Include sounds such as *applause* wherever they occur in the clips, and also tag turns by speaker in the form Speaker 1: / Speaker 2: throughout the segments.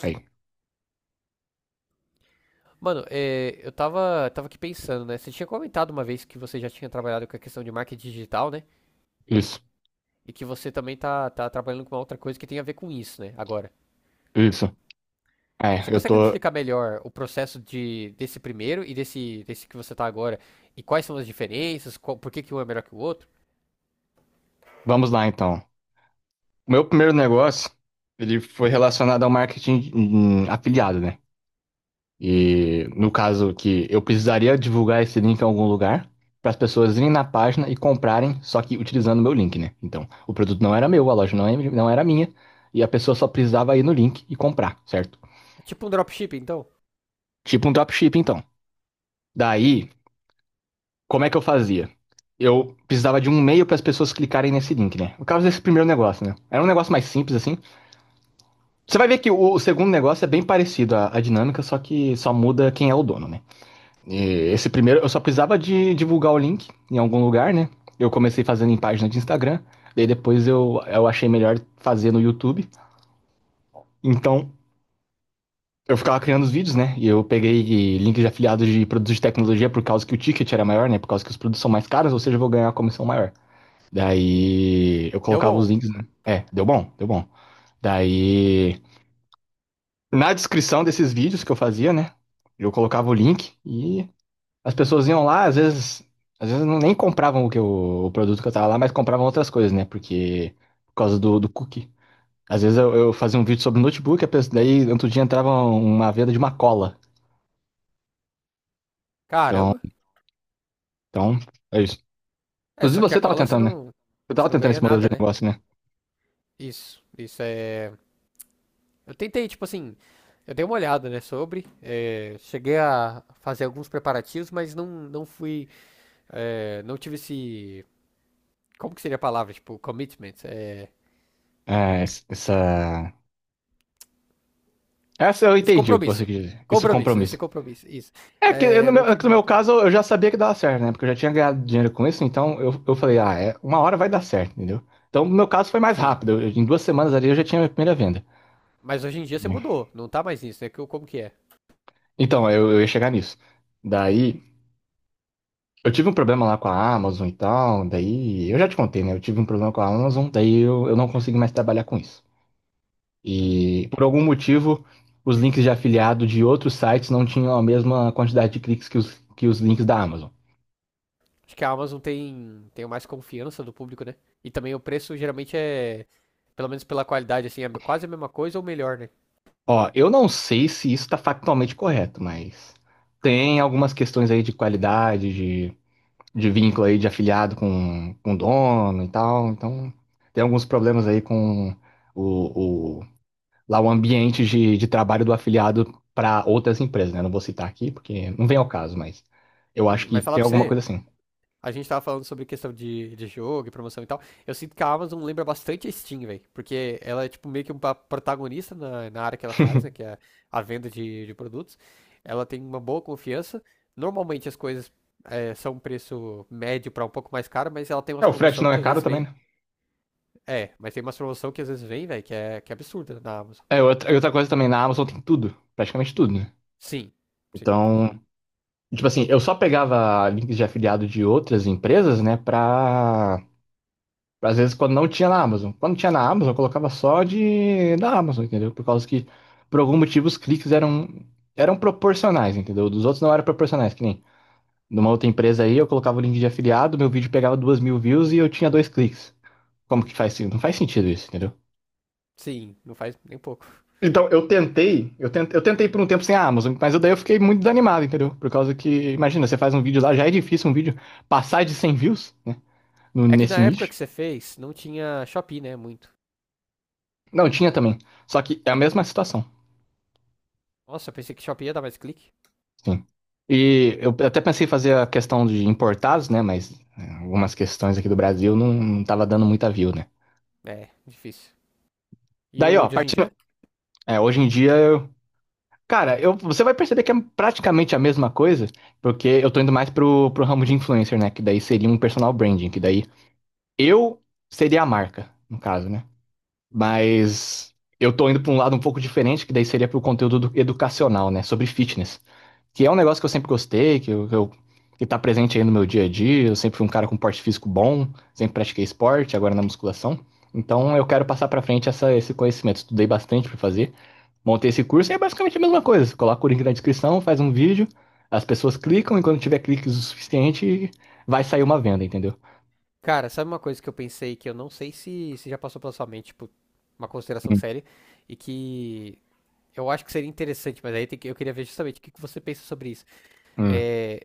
Speaker 1: Aí,
Speaker 2: Mano, eu tava aqui pensando, né? Você tinha comentado uma vez que você já tinha trabalhado com a questão de marketing digital, né?
Speaker 1: isso,
Speaker 2: E que você também tá trabalhando com uma outra coisa que tem a ver com isso, né? Agora.
Speaker 1: isso. É,
Speaker 2: Você
Speaker 1: eu
Speaker 2: consegue me
Speaker 1: tô.
Speaker 2: explicar melhor o processo de, desse primeiro e desse que você tá agora? E quais são as diferenças? Qual- por que que um é melhor que o outro?
Speaker 1: Vamos lá então. O meu primeiro negócio, ele foi relacionado ao marketing afiliado, né?
Speaker 2: Hum.
Speaker 1: E no caso que eu precisaria divulgar esse link em algum lugar para as pessoas irem na página e comprarem, só que utilizando o meu link, né? Então, o produto não era meu, a loja não era minha, e a pessoa só precisava ir no link e comprar, certo?
Speaker 2: É tipo um dropshipping, então?
Speaker 1: Tipo um dropshipping, então. Daí. Como é que eu fazia? Eu precisava de um e-mail para as pessoas clicarem nesse link, né? No caso desse primeiro negócio, né? Era um negócio mais simples, assim. Você vai ver que o segundo negócio é bem parecido à dinâmica, só que só muda quem é o dono, né? E esse primeiro, eu só precisava de divulgar o link em algum lugar, né? Eu comecei fazendo em página de Instagram, daí depois eu achei melhor fazer no YouTube. Então, eu ficava criando os vídeos, né? E eu peguei links de afiliados de produtos de tecnologia por causa que o ticket era maior, né? Por causa que os produtos são mais caros, ou seja, eu vou ganhar uma comissão maior. Daí eu
Speaker 2: E deu
Speaker 1: colocava os
Speaker 2: bom.
Speaker 1: links, né? É, deu bom, deu bom. Daí na descrição desses vídeos que eu fazia, né? Eu colocava o link e as pessoas iam lá, às vezes não nem compravam o que o produto que eu tava lá, mas compravam outras coisas, né? Porque por causa do cookie. Às vezes eu fazia um vídeo sobre notebook, a pessoa, daí no outro dia entrava uma venda de uma cola. Então,
Speaker 2: Caramba.
Speaker 1: então, é isso.
Speaker 2: É,
Speaker 1: Inclusive
Speaker 2: só que a
Speaker 1: você tava
Speaker 2: cola
Speaker 1: tentando, né? Você
Speaker 2: você
Speaker 1: tava
Speaker 2: não
Speaker 1: tentando
Speaker 2: ganha
Speaker 1: esse modelo de
Speaker 2: nada, né?
Speaker 1: negócio, né?
Speaker 2: Isso é. Eu tentei, tipo assim, eu dei uma olhada, né, sobre, cheguei a fazer alguns preparativos, mas não fui, não tive esse, como que seria a palavra, tipo, commitment,
Speaker 1: É, essa. Essa eu
Speaker 2: esse
Speaker 1: entendi o que você
Speaker 2: compromisso,
Speaker 1: quis dizer. Isso
Speaker 2: compromisso, esse
Speaker 1: compromisso.
Speaker 2: compromisso, isso,
Speaker 1: É que no
Speaker 2: não
Speaker 1: meu, é que
Speaker 2: tive
Speaker 1: no meu
Speaker 2: muito isso,
Speaker 1: caso eu já sabia que dava certo, né? Porque eu já tinha ganhado dinheiro com isso, então eu falei, ah, é, uma hora vai dar certo, entendeu? Então, no meu caso foi mais
Speaker 2: sim,
Speaker 1: rápido. Em 2 semanas ali eu já tinha a minha primeira venda.
Speaker 2: mas hoje em dia você mudou, não tá mais nisso, né, que, como que é?
Speaker 1: Então, eu ia chegar nisso. Daí, eu tive um problema lá com a Amazon e tal. Daí, eu já te contei, né? Eu tive um problema com a Amazon, daí eu não consegui mais trabalhar com isso.
Speaker 2: Hum.
Speaker 1: E, por algum motivo, os links de afiliado de outros sites não tinham a mesma quantidade de cliques que os links da Amazon.
Speaker 2: Acho que a Amazon tem, tem mais confiança do público, né, e também o preço geralmente é, pelo menos pela qualidade, assim, é quase a mesma coisa ou melhor, né,
Speaker 1: Ó, eu não sei se isso está factualmente correto, mas tem algumas questões aí de qualidade, de vínculo aí de afiliado com o dono e tal. Então, tem alguns problemas aí com o, o- lá o ambiente de trabalho do afiliado para outras empresas, né? Não vou citar aqui porque não vem ao caso, mas eu
Speaker 2: sim,
Speaker 1: acho que
Speaker 2: mas falar
Speaker 1: tem
Speaker 2: pra
Speaker 1: alguma
Speaker 2: você,
Speaker 1: coisa assim.
Speaker 2: a gente tava falando sobre questão de jogo e promoção e tal. Eu sinto que a Amazon lembra bastante a Steam, velho. Porque ela é, tipo, meio que uma protagonista na área que ela faz, né? Que é a venda de produtos. Ela tem uma boa confiança. Normalmente as coisas é, são um preço médio pra um pouco mais caro, mas ela tem
Speaker 1: É,
Speaker 2: umas
Speaker 1: o frete
Speaker 2: promoção
Speaker 1: não
Speaker 2: que
Speaker 1: é
Speaker 2: às
Speaker 1: caro
Speaker 2: vezes
Speaker 1: também,
Speaker 2: vem.
Speaker 1: né?
Speaker 2: É, mas tem umas promoção que às vezes vem, velho, que é absurda na Amazon.
Speaker 1: É, outra, e outra coisa também, na Amazon tem tudo, praticamente tudo, né?
Speaker 2: Sim, sim,
Speaker 1: Então, tipo assim, eu só pegava links de afiliado de outras empresas, né? Pra. Às vezes, quando não tinha na Amazon. Quando tinha na Amazon, eu colocava só de da Amazon, entendeu? Por causa que, por algum motivo, os cliques eram proporcionais, entendeu? Dos outros não eram proporcionais, que nem numa outra empresa aí, eu colocava o link de afiliado, meu vídeo pegava 2.000 views e eu tinha dois cliques. Como que faz sentido? Não faz sentido isso, entendeu?
Speaker 2: sim, não faz nem pouco.
Speaker 1: Então, eu tentei, eu tentei, eu tentei por um tempo sem a Amazon, mas daí eu fiquei muito desanimado, entendeu? Por causa que, imagina, você faz um vídeo lá, já é difícil um vídeo passar de 100 views, né?
Speaker 2: É que na
Speaker 1: Nesse
Speaker 2: época
Speaker 1: nicho.
Speaker 2: que você fez, não tinha Shopee, né? Muito.
Speaker 1: Não, tinha também. Só que é a mesma situação,
Speaker 2: Nossa, eu pensei que Shopee ia dar mais clique.
Speaker 1: sim. E eu até pensei em fazer a questão de importados, né? Mas é, algumas questões aqui do Brasil não tava dando muita view, né?
Speaker 2: É, difícil. E
Speaker 1: Daí,
Speaker 2: o
Speaker 1: ó,
Speaker 2: de hoje em dia?
Speaker 1: partindo. É, hoje em dia, eu, cara, eu, você vai perceber que é praticamente a mesma coisa, porque eu tô indo mais pro, pro ramo de influencer, né? Que daí seria um personal branding, que daí. Eu seria a marca, no caso, né? Mas eu tô indo pra um lado um pouco diferente, que daí seria pro conteúdo educacional, né? Sobre fitness. Que é um negócio que eu sempre gostei, que, eu, que, que tá presente aí no meu dia a dia. Eu sempre fui um cara com porte físico bom, sempre pratiquei esporte, agora na musculação. Então eu quero passar pra frente esse conhecimento. Estudei bastante pra fazer. Montei esse curso e é basicamente a mesma coisa. Você coloca o link na descrição, faz um vídeo, as pessoas clicam e quando tiver cliques o suficiente, vai sair uma venda, entendeu?
Speaker 2: Cara, sabe uma coisa que eu pensei que eu não sei se, se já passou pela sua mente, tipo, uma consideração séria, e que eu acho que seria interessante, mas aí tem que- eu queria ver justamente o que que você pensa sobre isso.
Speaker 1: Hum.
Speaker 2: É,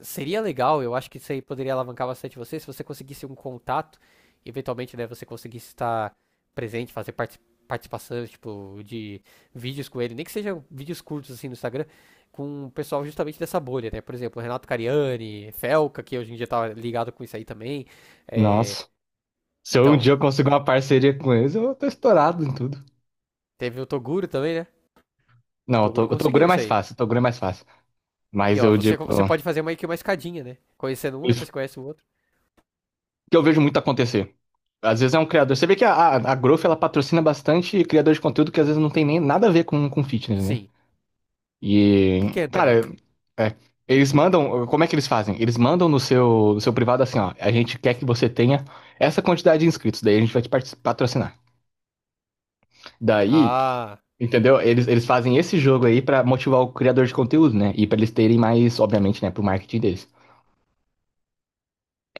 Speaker 2: seria legal, eu acho que isso aí poderia alavancar bastante você, se você conseguisse um contato, eventualmente, né, você conseguisse estar presente, fazer parti- participações, tipo, de vídeos com ele, nem que sejam vídeos curtos, assim, no Instagram, com o pessoal justamente dessa bolha, né? Por exemplo, Renato Cariani, Felca, que hoje em dia tá ligado com isso aí também. É,
Speaker 1: Nossa. Se eu um dia
Speaker 2: então,
Speaker 1: eu consigo uma parceria com eles, eu tô estourado em tudo.
Speaker 2: teve o Toguro também, né?
Speaker 1: Não,
Speaker 2: Toguro
Speaker 1: o Toguro
Speaker 2: conseguiu
Speaker 1: é
Speaker 2: isso
Speaker 1: mais
Speaker 2: aí.
Speaker 1: fácil, o Toguro é mais fácil.
Speaker 2: E,
Speaker 1: Mas
Speaker 2: ó,
Speaker 1: eu
Speaker 2: você,
Speaker 1: digo,
Speaker 2: você pode fazer meio que uma escadinha, né? Conhecendo um,
Speaker 1: isso
Speaker 2: depois conhece o outro.
Speaker 1: que eu vejo muito acontecer. Às vezes é um criador. Você vê que a Growth, ela patrocina bastante criador de conteúdo que às vezes não tem nem nada a ver com fitness, né?
Speaker 2: Sim.
Speaker 1: E,
Speaker 2: Pequeno também.
Speaker 1: cara, é, eles mandam. Como é que eles fazem? Eles mandam no seu, no seu privado assim, ó. A gente quer que você tenha essa quantidade de inscritos, daí a gente vai te patrocinar. Daí,
Speaker 2: Ah,
Speaker 1: entendeu? Eles fazem esse jogo aí pra motivar o criador de conteúdo, né? E pra eles terem mais, obviamente, né, pro marketing deles.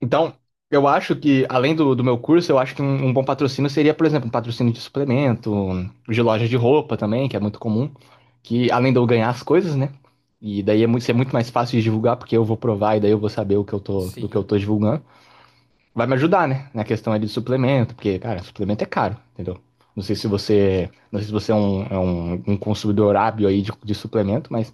Speaker 1: Então, eu acho que, além do meu curso, eu acho que um bom patrocínio seria, por exemplo, um patrocínio de suplemento, de loja de roupa também, que é muito comum, que além de eu ganhar as coisas, né? E daí é muito, isso é muito mais fácil de divulgar, porque eu vou provar e daí eu vou saber o que eu tô, do que
Speaker 2: sim,
Speaker 1: eu tô divulgando vai me ajudar, né? Na questão ali de suplemento, porque, cara, suplemento é caro, entendeu? Não sei se você é um, um consumidor hábil aí de suplemento, mas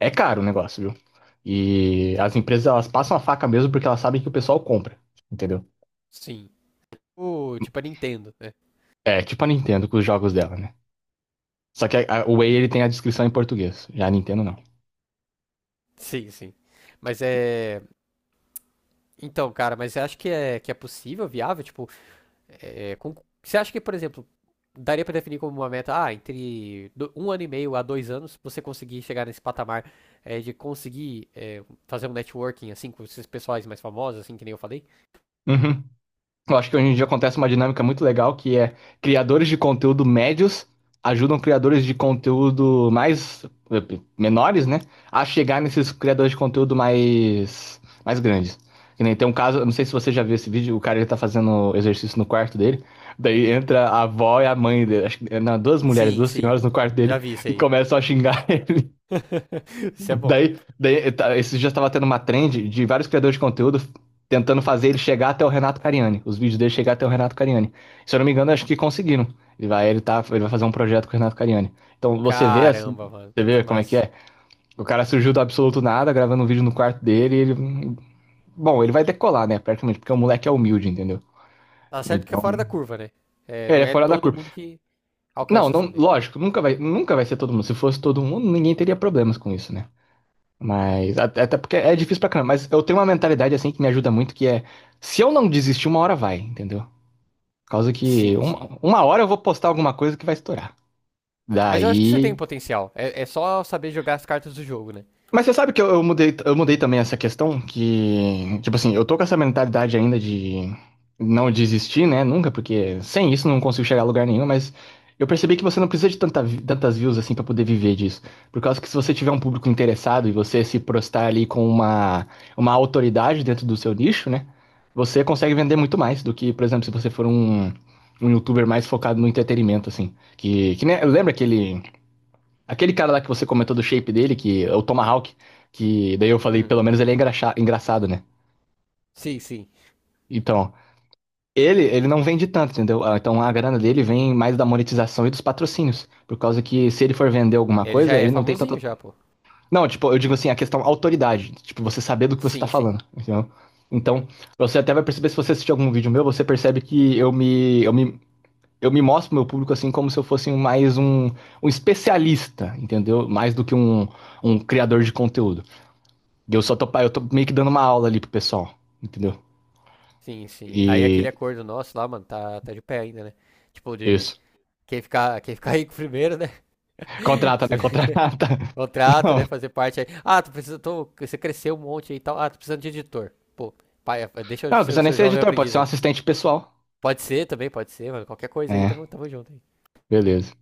Speaker 1: é caro o negócio, viu? E as empresas, elas passam a faca mesmo porque elas sabem que o pessoal compra, entendeu?
Speaker 2: sim, tipo, tipo a Nintendo, né?
Speaker 1: É, tipo a Nintendo com os jogos dela, né? Só que o Whey, ele tem a descrição em português, já a Nintendo não.
Speaker 2: Sim, sim. Mas é. Então, cara, mas você acha que é possível, viável? Tipo, é, com- você acha que, por exemplo, daria pra definir como uma meta, ah, entre do- 1 ano e meio a 2 anos, você conseguir chegar nesse patamar é, de conseguir é, fazer um networking, assim, com esses pessoais mais famosos, assim, que nem eu falei?
Speaker 1: Uhum. Eu acho que hoje em dia acontece uma dinâmica muito legal que é criadores de conteúdo médios ajudam criadores de conteúdo mais eh, menores, né, a chegar nesses criadores de conteúdo mais grandes. Que nem tem um caso, eu não sei se você já viu esse vídeo, o cara ele tá fazendo exercício no quarto dele, daí entra a avó e a mãe dele, acho que, não, duas mulheres,
Speaker 2: Sim,
Speaker 1: duas
Speaker 2: sim.
Speaker 1: senhoras no quarto
Speaker 2: Já
Speaker 1: dele
Speaker 2: vi isso
Speaker 1: e
Speaker 2: aí.
Speaker 1: começam a xingar *laughs*
Speaker 2: *laughs* Isso é bom.
Speaker 1: Daí tá, esses dias estava tendo uma trend de vários criadores de conteúdo tentando fazer ele chegar até o Renato Cariani, os vídeos dele chegar até o Renato Cariani. Se eu não me engano, acho que conseguiram. Ele vai, ele tá, ele vai fazer um projeto com o Renato Cariani. Então você vê assim,
Speaker 2: Caramba, mano.
Speaker 1: você
Speaker 2: Que
Speaker 1: vê como é que
Speaker 2: massa.
Speaker 1: é. O cara surgiu do absoluto nada, gravando um vídeo no quarto dele, e ele, bom, ele vai decolar, né, praticamente, porque o moleque é humilde, entendeu?
Speaker 2: Tá certo que é
Speaker 1: Então,
Speaker 2: fora da curva, né? É,
Speaker 1: é,
Speaker 2: não
Speaker 1: ele é
Speaker 2: é
Speaker 1: fora da
Speaker 2: todo
Speaker 1: curva.
Speaker 2: mundo que
Speaker 1: Não,
Speaker 2: alcança
Speaker 1: não,
Speaker 2: assim, né?
Speaker 1: lógico, nunca vai, nunca vai ser todo mundo. Se fosse todo mundo, ninguém teria problemas com isso, né? Mas, até porque é difícil pra caramba, mas eu tenho uma mentalidade assim que me ajuda muito, que é, se eu não desistir, uma hora vai, entendeu? Por causa que
Speaker 2: Sim, sim.
Speaker 1: uma hora eu vou postar alguma coisa que vai estourar.
Speaker 2: Mas eu acho que você tem
Speaker 1: Daí,
Speaker 2: potencial. É, é só saber jogar as cartas do jogo, né?
Speaker 1: mas você sabe que eu mudei também essa questão que, tipo assim, eu tô com essa mentalidade ainda de não desistir, né? Nunca, porque sem isso não consigo chegar a lugar nenhum, mas eu percebi que você não precisa de tantas views assim pra poder viver disso. Por causa que se você tiver um público interessado e você se prostar ali com uma autoridade dentro do seu nicho, né? Você consegue vender muito mais do que, por exemplo, se você for um youtuber mais focado no entretenimento, assim. Que nem- lembra aquele. Aquele cara lá que você comentou do shape dele, que é o Tomahawk, que daí eu falei,
Speaker 2: Hum.
Speaker 1: pelo menos ele é engraçado, né?
Speaker 2: Sim, sim.
Speaker 1: Então, ele não vende tanto, entendeu? Ah, então a grana dele vem mais da monetização e dos patrocínios. Por causa que se ele for vender alguma
Speaker 2: Ele já
Speaker 1: coisa,
Speaker 2: é
Speaker 1: ele não tem
Speaker 2: famosinho
Speaker 1: tanta.
Speaker 2: já, pô.
Speaker 1: Não, tipo, eu digo assim, a questão autoridade. Tipo, você saber do que você tá
Speaker 2: Sim, sim.
Speaker 1: falando, entendeu? Então, você até vai perceber, se você assistir algum vídeo meu, você percebe que eu me mostro pro meu público assim como se eu fosse um especialista, entendeu? Mais do que um criador de conteúdo. E eu tô meio que dando uma aula ali pro pessoal, entendeu?
Speaker 2: Sim, sim. Aí aquele
Speaker 1: E
Speaker 2: acordo nosso lá, mano, tá, tá de pé ainda, né? Tipo, de
Speaker 1: isso.
Speaker 2: quem ficar *laughs* rico primeiro, né? *laughs*
Speaker 1: Contrata,
Speaker 2: Se
Speaker 1: né? Contrata. *laughs*
Speaker 2: contrata, né?
Speaker 1: Não.
Speaker 2: Fazer parte aí. Ah, tu precisa, tô, você cresceu um monte aí e tal. Ah, tô precisando de editor. Pô, pai, deixa eu
Speaker 1: Não, não
Speaker 2: ser o
Speaker 1: precisa nem
Speaker 2: seu
Speaker 1: ser
Speaker 2: jovem
Speaker 1: editor, pode
Speaker 2: aprendiz
Speaker 1: ser um
Speaker 2: aí.
Speaker 1: assistente pessoal.
Speaker 2: Pode ser também, pode ser, mano. Qualquer coisa aí,
Speaker 1: É,
Speaker 2: tamo, tamo junto aí.
Speaker 1: beleza.